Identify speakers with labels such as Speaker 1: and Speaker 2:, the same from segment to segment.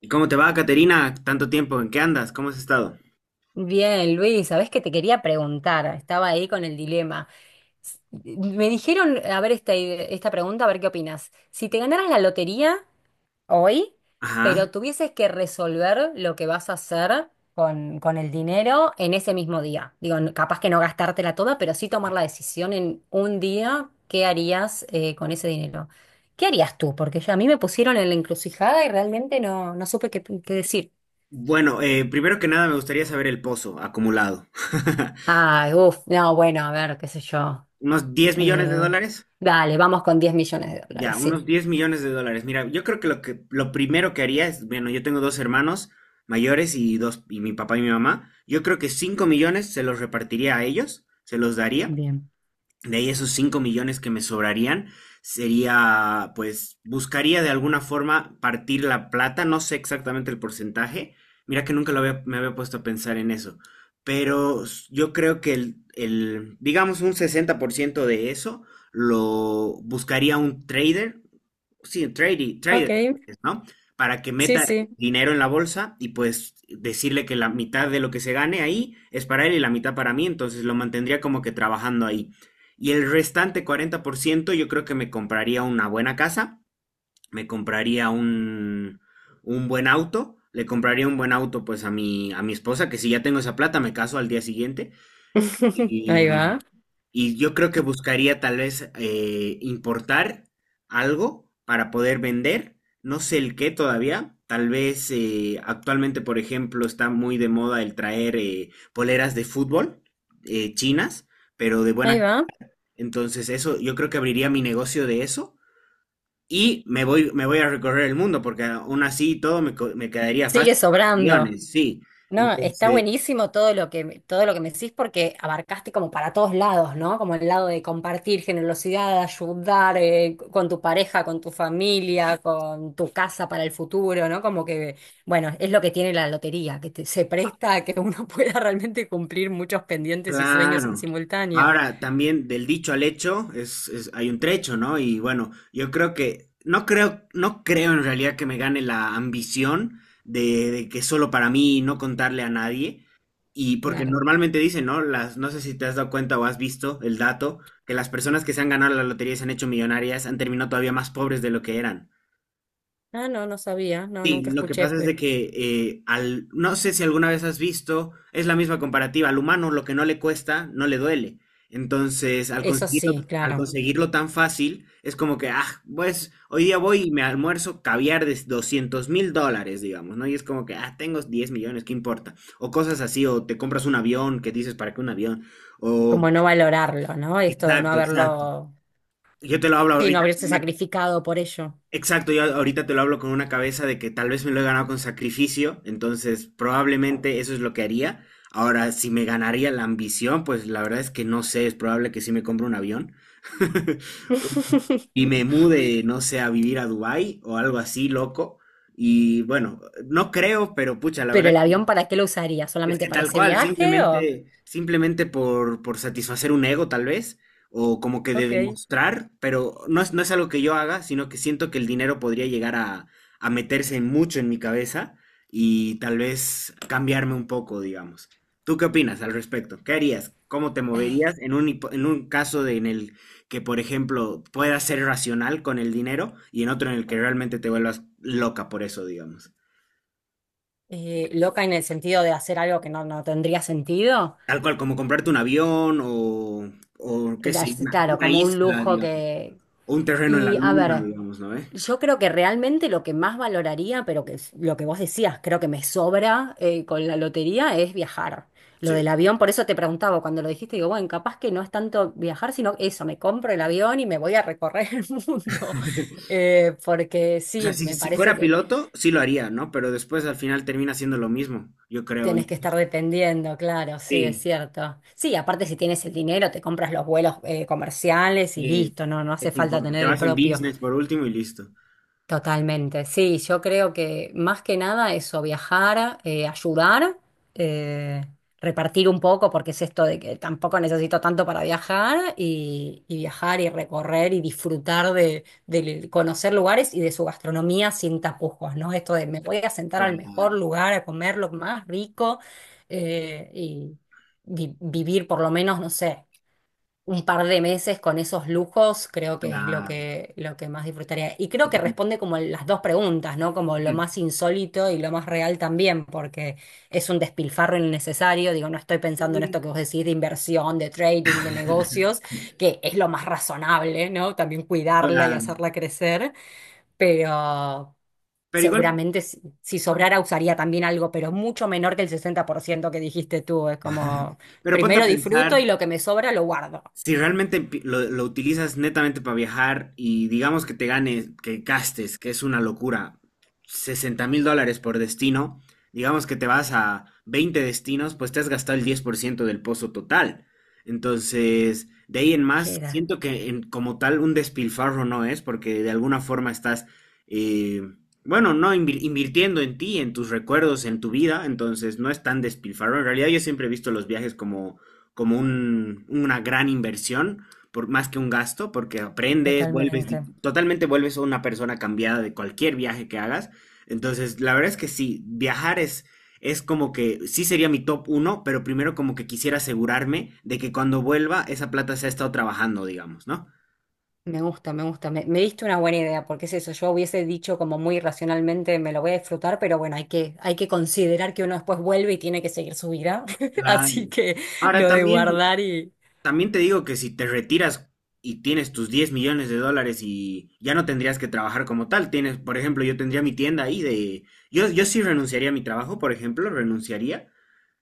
Speaker 1: ¿Y cómo te va, Caterina? Tanto tiempo, ¿en qué andas? ¿Cómo has estado?
Speaker 2: Bien, Luis, sabés que te quería preguntar, estaba ahí con el dilema. Me dijeron, a ver esta, esta pregunta, a ver qué opinas. Si te ganaras la lotería hoy,
Speaker 1: Ajá.
Speaker 2: pero tuvieses que resolver lo que vas a hacer con el dinero en ese mismo día. Digo, capaz que no gastártela toda, pero sí tomar la decisión en un día, ¿qué harías con ese dinero? ¿Qué harías tú? Porque ya a mí me pusieron en la encrucijada y realmente no supe qué decir.
Speaker 1: Bueno, primero que nada me gustaría saber el pozo acumulado.
Speaker 2: Ay, uff, no, bueno, a ver, qué sé yo.
Speaker 1: ¿Unos 10 millones de
Speaker 2: Eh,
Speaker 1: dólares?
Speaker 2: Dale, vamos con 10 millones de
Speaker 1: Ya,
Speaker 2: dólares,
Speaker 1: unos
Speaker 2: sí.
Speaker 1: $10 millones. Mira, yo creo que lo primero que haría es, bueno, yo tengo dos hermanos mayores y mi papá y mi mamá. Yo creo que 5 millones se los repartiría a ellos, se los daría.
Speaker 2: Bien.
Speaker 1: De ahí esos 5 millones que me sobrarían, sería, pues, buscaría de alguna forma partir la plata, no sé exactamente el porcentaje, mira que nunca me había puesto a pensar en eso, pero yo creo que el, digamos, un 60% de eso lo buscaría un trader, sí, un trade-
Speaker 2: Ok,
Speaker 1: trader, ¿no? Para que
Speaker 2: sí,
Speaker 1: meta
Speaker 2: sí.
Speaker 1: dinero en la bolsa y pues decirle que la mitad de lo que se gane ahí es para él y la mitad para mí, entonces lo mantendría como que trabajando ahí. Y el restante 40% yo creo que me compraría una buena casa, me compraría un buen auto, le compraría un buen auto pues a mi esposa, que si ya tengo esa plata me caso al día siguiente.
Speaker 2: Ahí
Speaker 1: Y,
Speaker 2: va,
Speaker 1: y yo creo que buscaría tal vez importar algo para poder vender, no sé el qué todavía. Tal vez actualmente, por ejemplo, está muy de moda el traer poleras de fútbol chinas, pero de
Speaker 2: ahí
Speaker 1: buena.
Speaker 2: va.
Speaker 1: Entonces, eso, yo creo que abriría mi negocio de eso y me voy a recorrer el mundo, porque aún así y todo me quedaría
Speaker 2: Sigue
Speaker 1: fácil con los
Speaker 2: sobrando.
Speaker 1: guiones, sí.
Speaker 2: No, está
Speaker 1: Entonces.
Speaker 2: buenísimo todo lo que, todo lo que me decís porque abarcaste como para todos lados, ¿no? Como el lado de compartir, generosidad, ayudar, con tu pareja, con tu familia, con tu casa para el futuro, ¿no? Como que, bueno, es lo que tiene la lotería, que se presta a que uno pueda realmente cumplir muchos pendientes y sueños en
Speaker 1: Claro.
Speaker 2: simultáneo.
Speaker 1: Ahora, también del dicho al hecho hay un trecho, ¿no? Y bueno, yo creo que, no creo en realidad que me gane la ambición de que solo para mí y no contarle a nadie. Y porque
Speaker 2: Claro.
Speaker 1: normalmente dicen, ¿no? No sé si te has dado cuenta o has visto el dato, que las personas que se han ganado la lotería y se han hecho millonarias han terminado todavía más pobres de lo que eran.
Speaker 2: Ah, no, no sabía, no,
Speaker 1: Sí,
Speaker 2: nunca
Speaker 1: lo que
Speaker 2: escuché.
Speaker 1: pasa es de que no sé si alguna vez has visto, es la misma comparativa, al humano lo que no le cuesta, no le duele. Entonces, al
Speaker 2: Eso
Speaker 1: conseguirlo,
Speaker 2: sí,
Speaker 1: al
Speaker 2: claro,
Speaker 1: conseguirlo tan fácil, es como que, ah, pues hoy día voy y me almuerzo caviar de $200.000, digamos, ¿no? Y es como que, ah, tengo 10 millones, ¿qué importa? O cosas así, o te compras un avión, que dices, ¿para qué un avión? O,
Speaker 2: como no valorarlo, ¿no? Esto de no
Speaker 1: exacto, exacto.
Speaker 2: haberlo,
Speaker 1: Yo te lo hablo
Speaker 2: y no
Speaker 1: ahorita con
Speaker 2: haberse
Speaker 1: una
Speaker 2: sacrificado por ello.
Speaker 1: Exacto, yo ahorita te lo hablo con una cabeza de que tal vez me lo he ganado con sacrificio, entonces probablemente eso es lo que haría. Ahora, si me ganaría la ambición, pues la verdad es que no sé, es probable que sí me compre un avión y me mude, no sé, a vivir a Dubái o algo así, loco. Y bueno, no creo, pero pucha, la
Speaker 2: Pero
Speaker 1: verdad.
Speaker 2: el avión, ¿para qué lo usaría?
Speaker 1: Es
Speaker 2: ¿Solamente
Speaker 1: que
Speaker 2: para
Speaker 1: tal
Speaker 2: ese
Speaker 1: cual,
Speaker 2: viaje o...?
Speaker 1: simplemente por satisfacer un ego, tal vez, o como que de
Speaker 2: Ok.
Speaker 1: demostrar, pero no es algo que yo haga, sino que siento que el dinero podría llegar a meterse mucho en mi cabeza y tal vez cambiarme un poco, digamos. ¿Tú qué opinas al respecto? ¿Qué harías? ¿Cómo te moverías en un caso de- en el que, por ejemplo, puedas ser racional con el dinero y en otro en el que realmente te vuelvas loca por eso, digamos?
Speaker 2: Loca en el sentido de hacer algo que no, no tendría sentido.
Speaker 1: Tal cual, como comprarte un avión o qué sé, una,
Speaker 2: Claro,
Speaker 1: una
Speaker 2: como un
Speaker 1: isla,
Speaker 2: lujo
Speaker 1: digamos,
Speaker 2: que...
Speaker 1: o un terreno en la
Speaker 2: Y a
Speaker 1: luna,
Speaker 2: ver.
Speaker 1: digamos, ¿no?
Speaker 2: Yo creo que realmente lo que más valoraría, pero que es lo que vos decías, creo que me sobra con la lotería, es viajar. Lo
Speaker 1: Sí.
Speaker 2: del avión, por eso te preguntaba cuando lo dijiste, digo, bueno, capaz que no es tanto viajar, sino eso, me compro el avión y me voy a recorrer el mundo. Porque
Speaker 1: O sea,
Speaker 2: sí,
Speaker 1: si,
Speaker 2: me
Speaker 1: si
Speaker 2: parece
Speaker 1: fuera
Speaker 2: que
Speaker 1: piloto, sí lo haría, ¿no? Pero después al final termina siendo lo mismo, yo creo.
Speaker 2: tenés que estar dependiendo, claro, sí, es
Speaker 1: Sí,
Speaker 2: cierto. Sí, aparte si tienes el dinero, te compras los vuelos comerciales y
Speaker 1: sí,
Speaker 2: listo, no, no
Speaker 1: ¿qué
Speaker 2: hace
Speaker 1: te
Speaker 2: falta
Speaker 1: importa? Te
Speaker 2: tener el
Speaker 1: vas en
Speaker 2: propio.
Speaker 1: business por último y listo.
Speaker 2: Totalmente, sí, yo creo que más que nada eso, viajar, ayudar, eh, repartir un poco, porque es esto de que tampoco necesito tanto para viajar y viajar y recorrer y disfrutar de conocer lugares y de su gastronomía sin tapujos, ¿no? Esto de me voy a sentar al mejor
Speaker 1: Claro,
Speaker 2: lugar a comer lo más rico y vivir por lo menos, no sé un par de meses con esos lujos, creo que es
Speaker 1: claro.
Speaker 2: lo que más disfrutaría. Y creo que responde como las dos preguntas, ¿no? Como lo más insólito y lo más real también, porque es un despilfarro innecesario. Digo, no estoy pensando en esto que vos decís de inversión, de trading, de negocios, que es lo más razonable, ¿no? También cuidarla y
Speaker 1: Claro.
Speaker 2: hacerla crecer, pero
Speaker 1: Pero igual,
Speaker 2: seguramente si sobrara usaría también algo, pero mucho menor que el 60% que dijiste tú. Es como,
Speaker 1: pero ponte a
Speaker 2: primero
Speaker 1: pensar,
Speaker 2: disfruto y lo que me sobra lo guardo.
Speaker 1: si realmente lo utilizas netamente para viajar y digamos que te ganes, que gastes, que es una locura, $60.000 por destino, digamos que te vas a 20 destinos, pues te has gastado el 10% del pozo total. Entonces, de ahí en más,
Speaker 2: Queda,
Speaker 1: siento que como tal un despilfarro no es, porque de alguna forma estás, eh, bueno, no invir- invirtiendo en ti, en tus recuerdos, en tu vida, entonces no es tan despilfarro. En realidad yo siempre he visto los viajes como una gran inversión, más que un gasto, porque aprendes, vuelves,
Speaker 2: totalmente.
Speaker 1: totalmente vuelves una persona cambiada de cualquier viaje que hagas. Entonces, la verdad es que sí, viajar es como que sí sería mi top uno, pero primero como que quisiera asegurarme de que cuando vuelva esa plata se ha estado trabajando, digamos, ¿no?
Speaker 2: Me gusta, me gusta. Me diste una buena idea, porque es eso. Yo hubiese dicho como muy racionalmente, me lo voy a disfrutar, pero bueno, hay que considerar que uno después vuelve y tiene que seguir su vida.
Speaker 1: Claro.
Speaker 2: Así que
Speaker 1: Ahora
Speaker 2: lo de
Speaker 1: también.
Speaker 2: guardar y
Speaker 1: También te digo que si te retiras y tienes tus $10 millones y ya no tendrías que trabajar como tal, tienes, por ejemplo, yo tendría mi tienda ahí de... Yo sí renunciaría a mi trabajo, por ejemplo, renunciaría.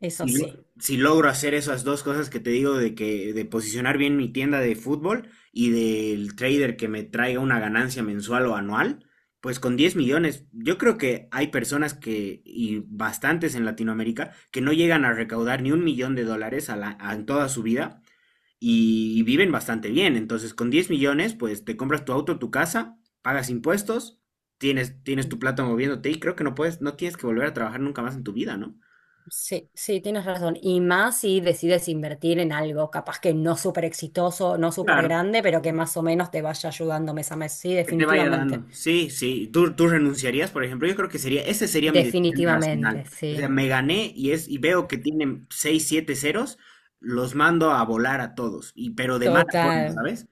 Speaker 2: eso
Speaker 1: Si, lo-
Speaker 2: sí.
Speaker 1: si logro hacer esas dos cosas que te digo de que de posicionar bien mi tienda de fútbol y del trader que me traiga una ganancia mensual o anual, pues con 10 millones, yo creo que hay personas que, y bastantes en Latinoamérica, que no llegan a recaudar ni $1 millón en toda su vida y viven bastante bien. Entonces, con 10 millones, pues te compras tu auto, tu casa, pagas impuestos, tienes tu plata moviéndote y creo que no puedes, no tienes que volver a trabajar nunca más en tu vida, ¿no?
Speaker 2: Sí, sí, tienes razón. Y más si decides invertir en algo, capaz que no súper exitoso, no súper
Speaker 1: Claro,
Speaker 2: grande, pero que más o menos te vaya ayudando mes a mes. Sí,
Speaker 1: que te vaya
Speaker 2: definitivamente.
Speaker 1: dando. Sí, sí. ¿Tú renunciarías, por ejemplo? Yo creo que sería, esa sería mi decisión irracional.
Speaker 2: Definitivamente,
Speaker 1: O sea,
Speaker 2: sí.
Speaker 1: me gané y veo que tienen 6 7 ceros, los mando a volar a todos, y pero de mala forma,
Speaker 2: Total.
Speaker 1: ¿sabes?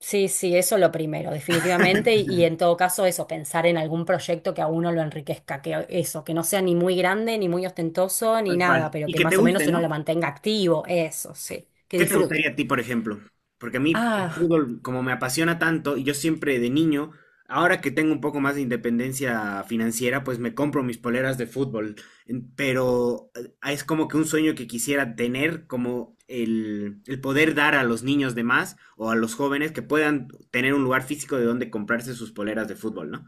Speaker 2: Sí, sí, eso lo primero, definitivamente, y en todo caso eso, pensar en algún proyecto que a uno lo enriquezca, que eso, que no sea ni muy grande, ni muy ostentoso, ni
Speaker 1: Tal
Speaker 2: nada,
Speaker 1: cual.
Speaker 2: pero
Speaker 1: Y
Speaker 2: que
Speaker 1: que te
Speaker 2: más o menos
Speaker 1: guste,
Speaker 2: uno lo
Speaker 1: ¿no?
Speaker 2: mantenga activo, eso, sí, que
Speaker 1: ¿Qué te gustaría
Speaker 2: disfrute.
Speaker 1: a ti, por ejemplo? Porque a mí el
Speaker 2: Ah,
Speaker 1: fútbol, como me apasiona tanto, y yo siempre de niño, ahora que tengo un poco más de independencia financiera, pues me compro mis poleras de fútbol. Pero es como que un sueño que quisiera tener, como el poder dar a los niños de más o a los jóvenes que puedan tener un lugar físico de donde comprarse sus poleras de fútbol, ¿no?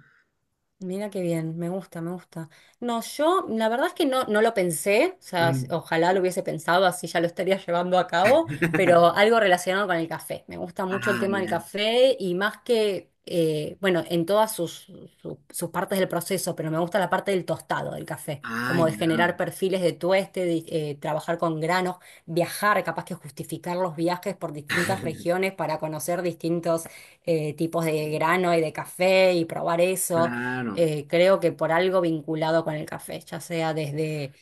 Speaker 2: mira qué bien, me gusta, me gusta. No, yo la verdad es que no lo pensé, o sea,
Speaker 1: Mm.
Speaker 2: ojalá lo hubiese pensado, así ya lo estaría llevando a cabo, pero algo relacionado con el café. Me gusta mucho el
Speaker 1: Ah,
Speaker 2: tema del
Speaker 1: ya.
Speaker 2: café y más que, bueno, en todas sus, sus partes del proceso, pero me gusta la parte del tostado del café,
Speaker 1: Ah,
Speaker 2: como de
Speaker 1: ya.
Speaker 2: generar perfiles de tueste, de, trabajar con granos, viajar, capaz que justificar los viajes por distintas regiones para conocer distintos tipos de grano y de café y probar eso
Speaker 1: Claro.
Speaker 2: creo que por algo vinculado con el café, ya sea desde,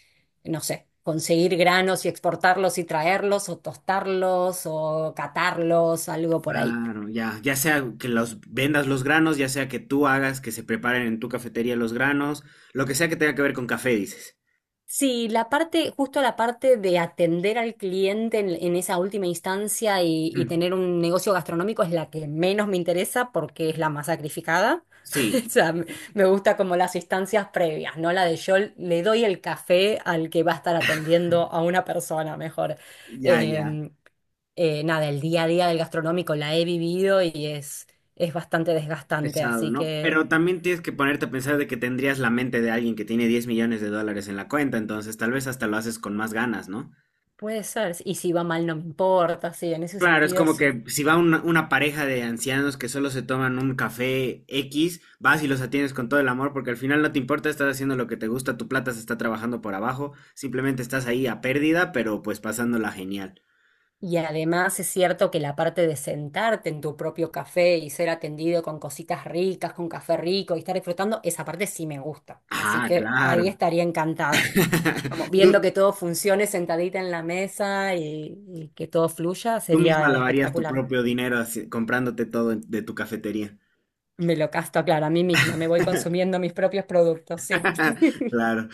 Speaker 2: no sé, conseguir granos y exportarlos y traerlos, o tostarlos, o catarlos, algo por ahí.
Speaker 1: Claro, ya, ya sea que los vendas los granos, ya sea que tú hagas que se preparen en tu cafetería los granos, lo que sea que tenga que ver con café, dices.
Speaker 2: Sí, la parte, justo la parte de atender al cliente en esa última instancia y
Speaker 1: Mm.
Speaker 2: tener un negocio gastronómico es la que menos me interesa porque es la más sacrificada.
Speaker 1: Sí,
Speaker 2: O sea, me gusta como las instancias previas, ¿no? La de yo le doy el café al que va a estar atendiendo a una persona mejor.
Speaker 1: ya, ya,
Speaker 2: Eh, nada, el día a día del gastronómico la he vivido y es bastante
Speaker 1: es
Speaker 2: desgastante,
Speaker 1: pesado,
Speaker 2: así
Speaker 1: ¿no?
Speaker 2: que
Speaker 1: Pero también tienes que ponerte a pensar de que tendrías la mente de alguien que tiene $10 millones en la cuenta, entonces tal vez hasta lo haces con más ganas, ¿no?
Speaker 2: puede ser. Y si va mal no me importa, sí, en ese
Speaker 1: Claro, es
Speaker 2: sentido
Speaker 1: como
Speaker 2: sí.
Speaker 1: que si va una pareja de ancianos que solo se toman un café X, vas y los atiendes con todo el amor, porque al final no te importa, estás haciendo lo que te gusta, tu plata se está trabajando por abajo, simplemente estás ahí a pérdida, pero pues pasándola genial.
Speaker 2: Y además es cierto que la parte de sentarte en tu propio café y ser atendido con cositas ricas, con café rico y estar disfrutando, esa parte sí me gusta. Así
Speaker 1: Ah,
Speaker 2: que ahí
Speaker 1: claro.
Speaker 2: estaría encantada. Vamos,
Speaker 1: Tú,
Speaker 2: viendo que todo funcione sentadita en la mesa y que todo fluya,
Speaker 1: tú misma
Speaker 2: sería
Speaker 1: lavarías tu
Speaker 2: espectacular.
Speaker 1: propio dinero así, de tu cafetería.
Speaker 2: Me lo casto, claro, a mí misma. Me voy consumiendo mis propios productos, sí.
Speaker 1: Claro.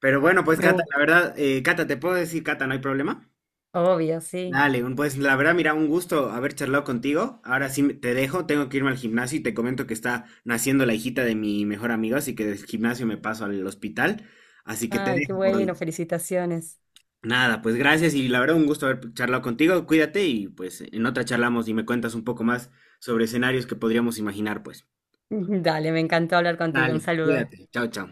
Speaker 1: Pero bueno, pues
Speaker 2: Me
Speaker 1: Cata, la
Speaker 2: gusta.
Speaker 1: verdad, Cata, ¿te puedo decir Cata, no hay problema?
Speaker 2: Obvio, sí.
Speaker 1: Dale, pues la verdad, mira, un gusto haber charlado contigo. Ahora sí te dejo, tengo que irme al gimnasio y te comento que está naciendo la hijita de mi mejor amigo, así que del gimnasio me paso al hospital. Así que te
Speaker 2: Ay, qué
Speaker 1: dejo por
Speaker 2: bueno,
Speaker 1: hoy.
Speaker 2: felicitaciones.
Speaker 1: Nada, pues gracias y la verdad, un gusto haber charlado contigo. Cuídate y pues en otra charlamos y me cuentas un poco más sobre escenarios que podríamos imaginar, pues.
Speaker 2: Dale, me encantó hablar contigo. Un
Speaker 1: Dale,
Speaker 2: saludo.
Speaker 1: cuídate. Chao, chao.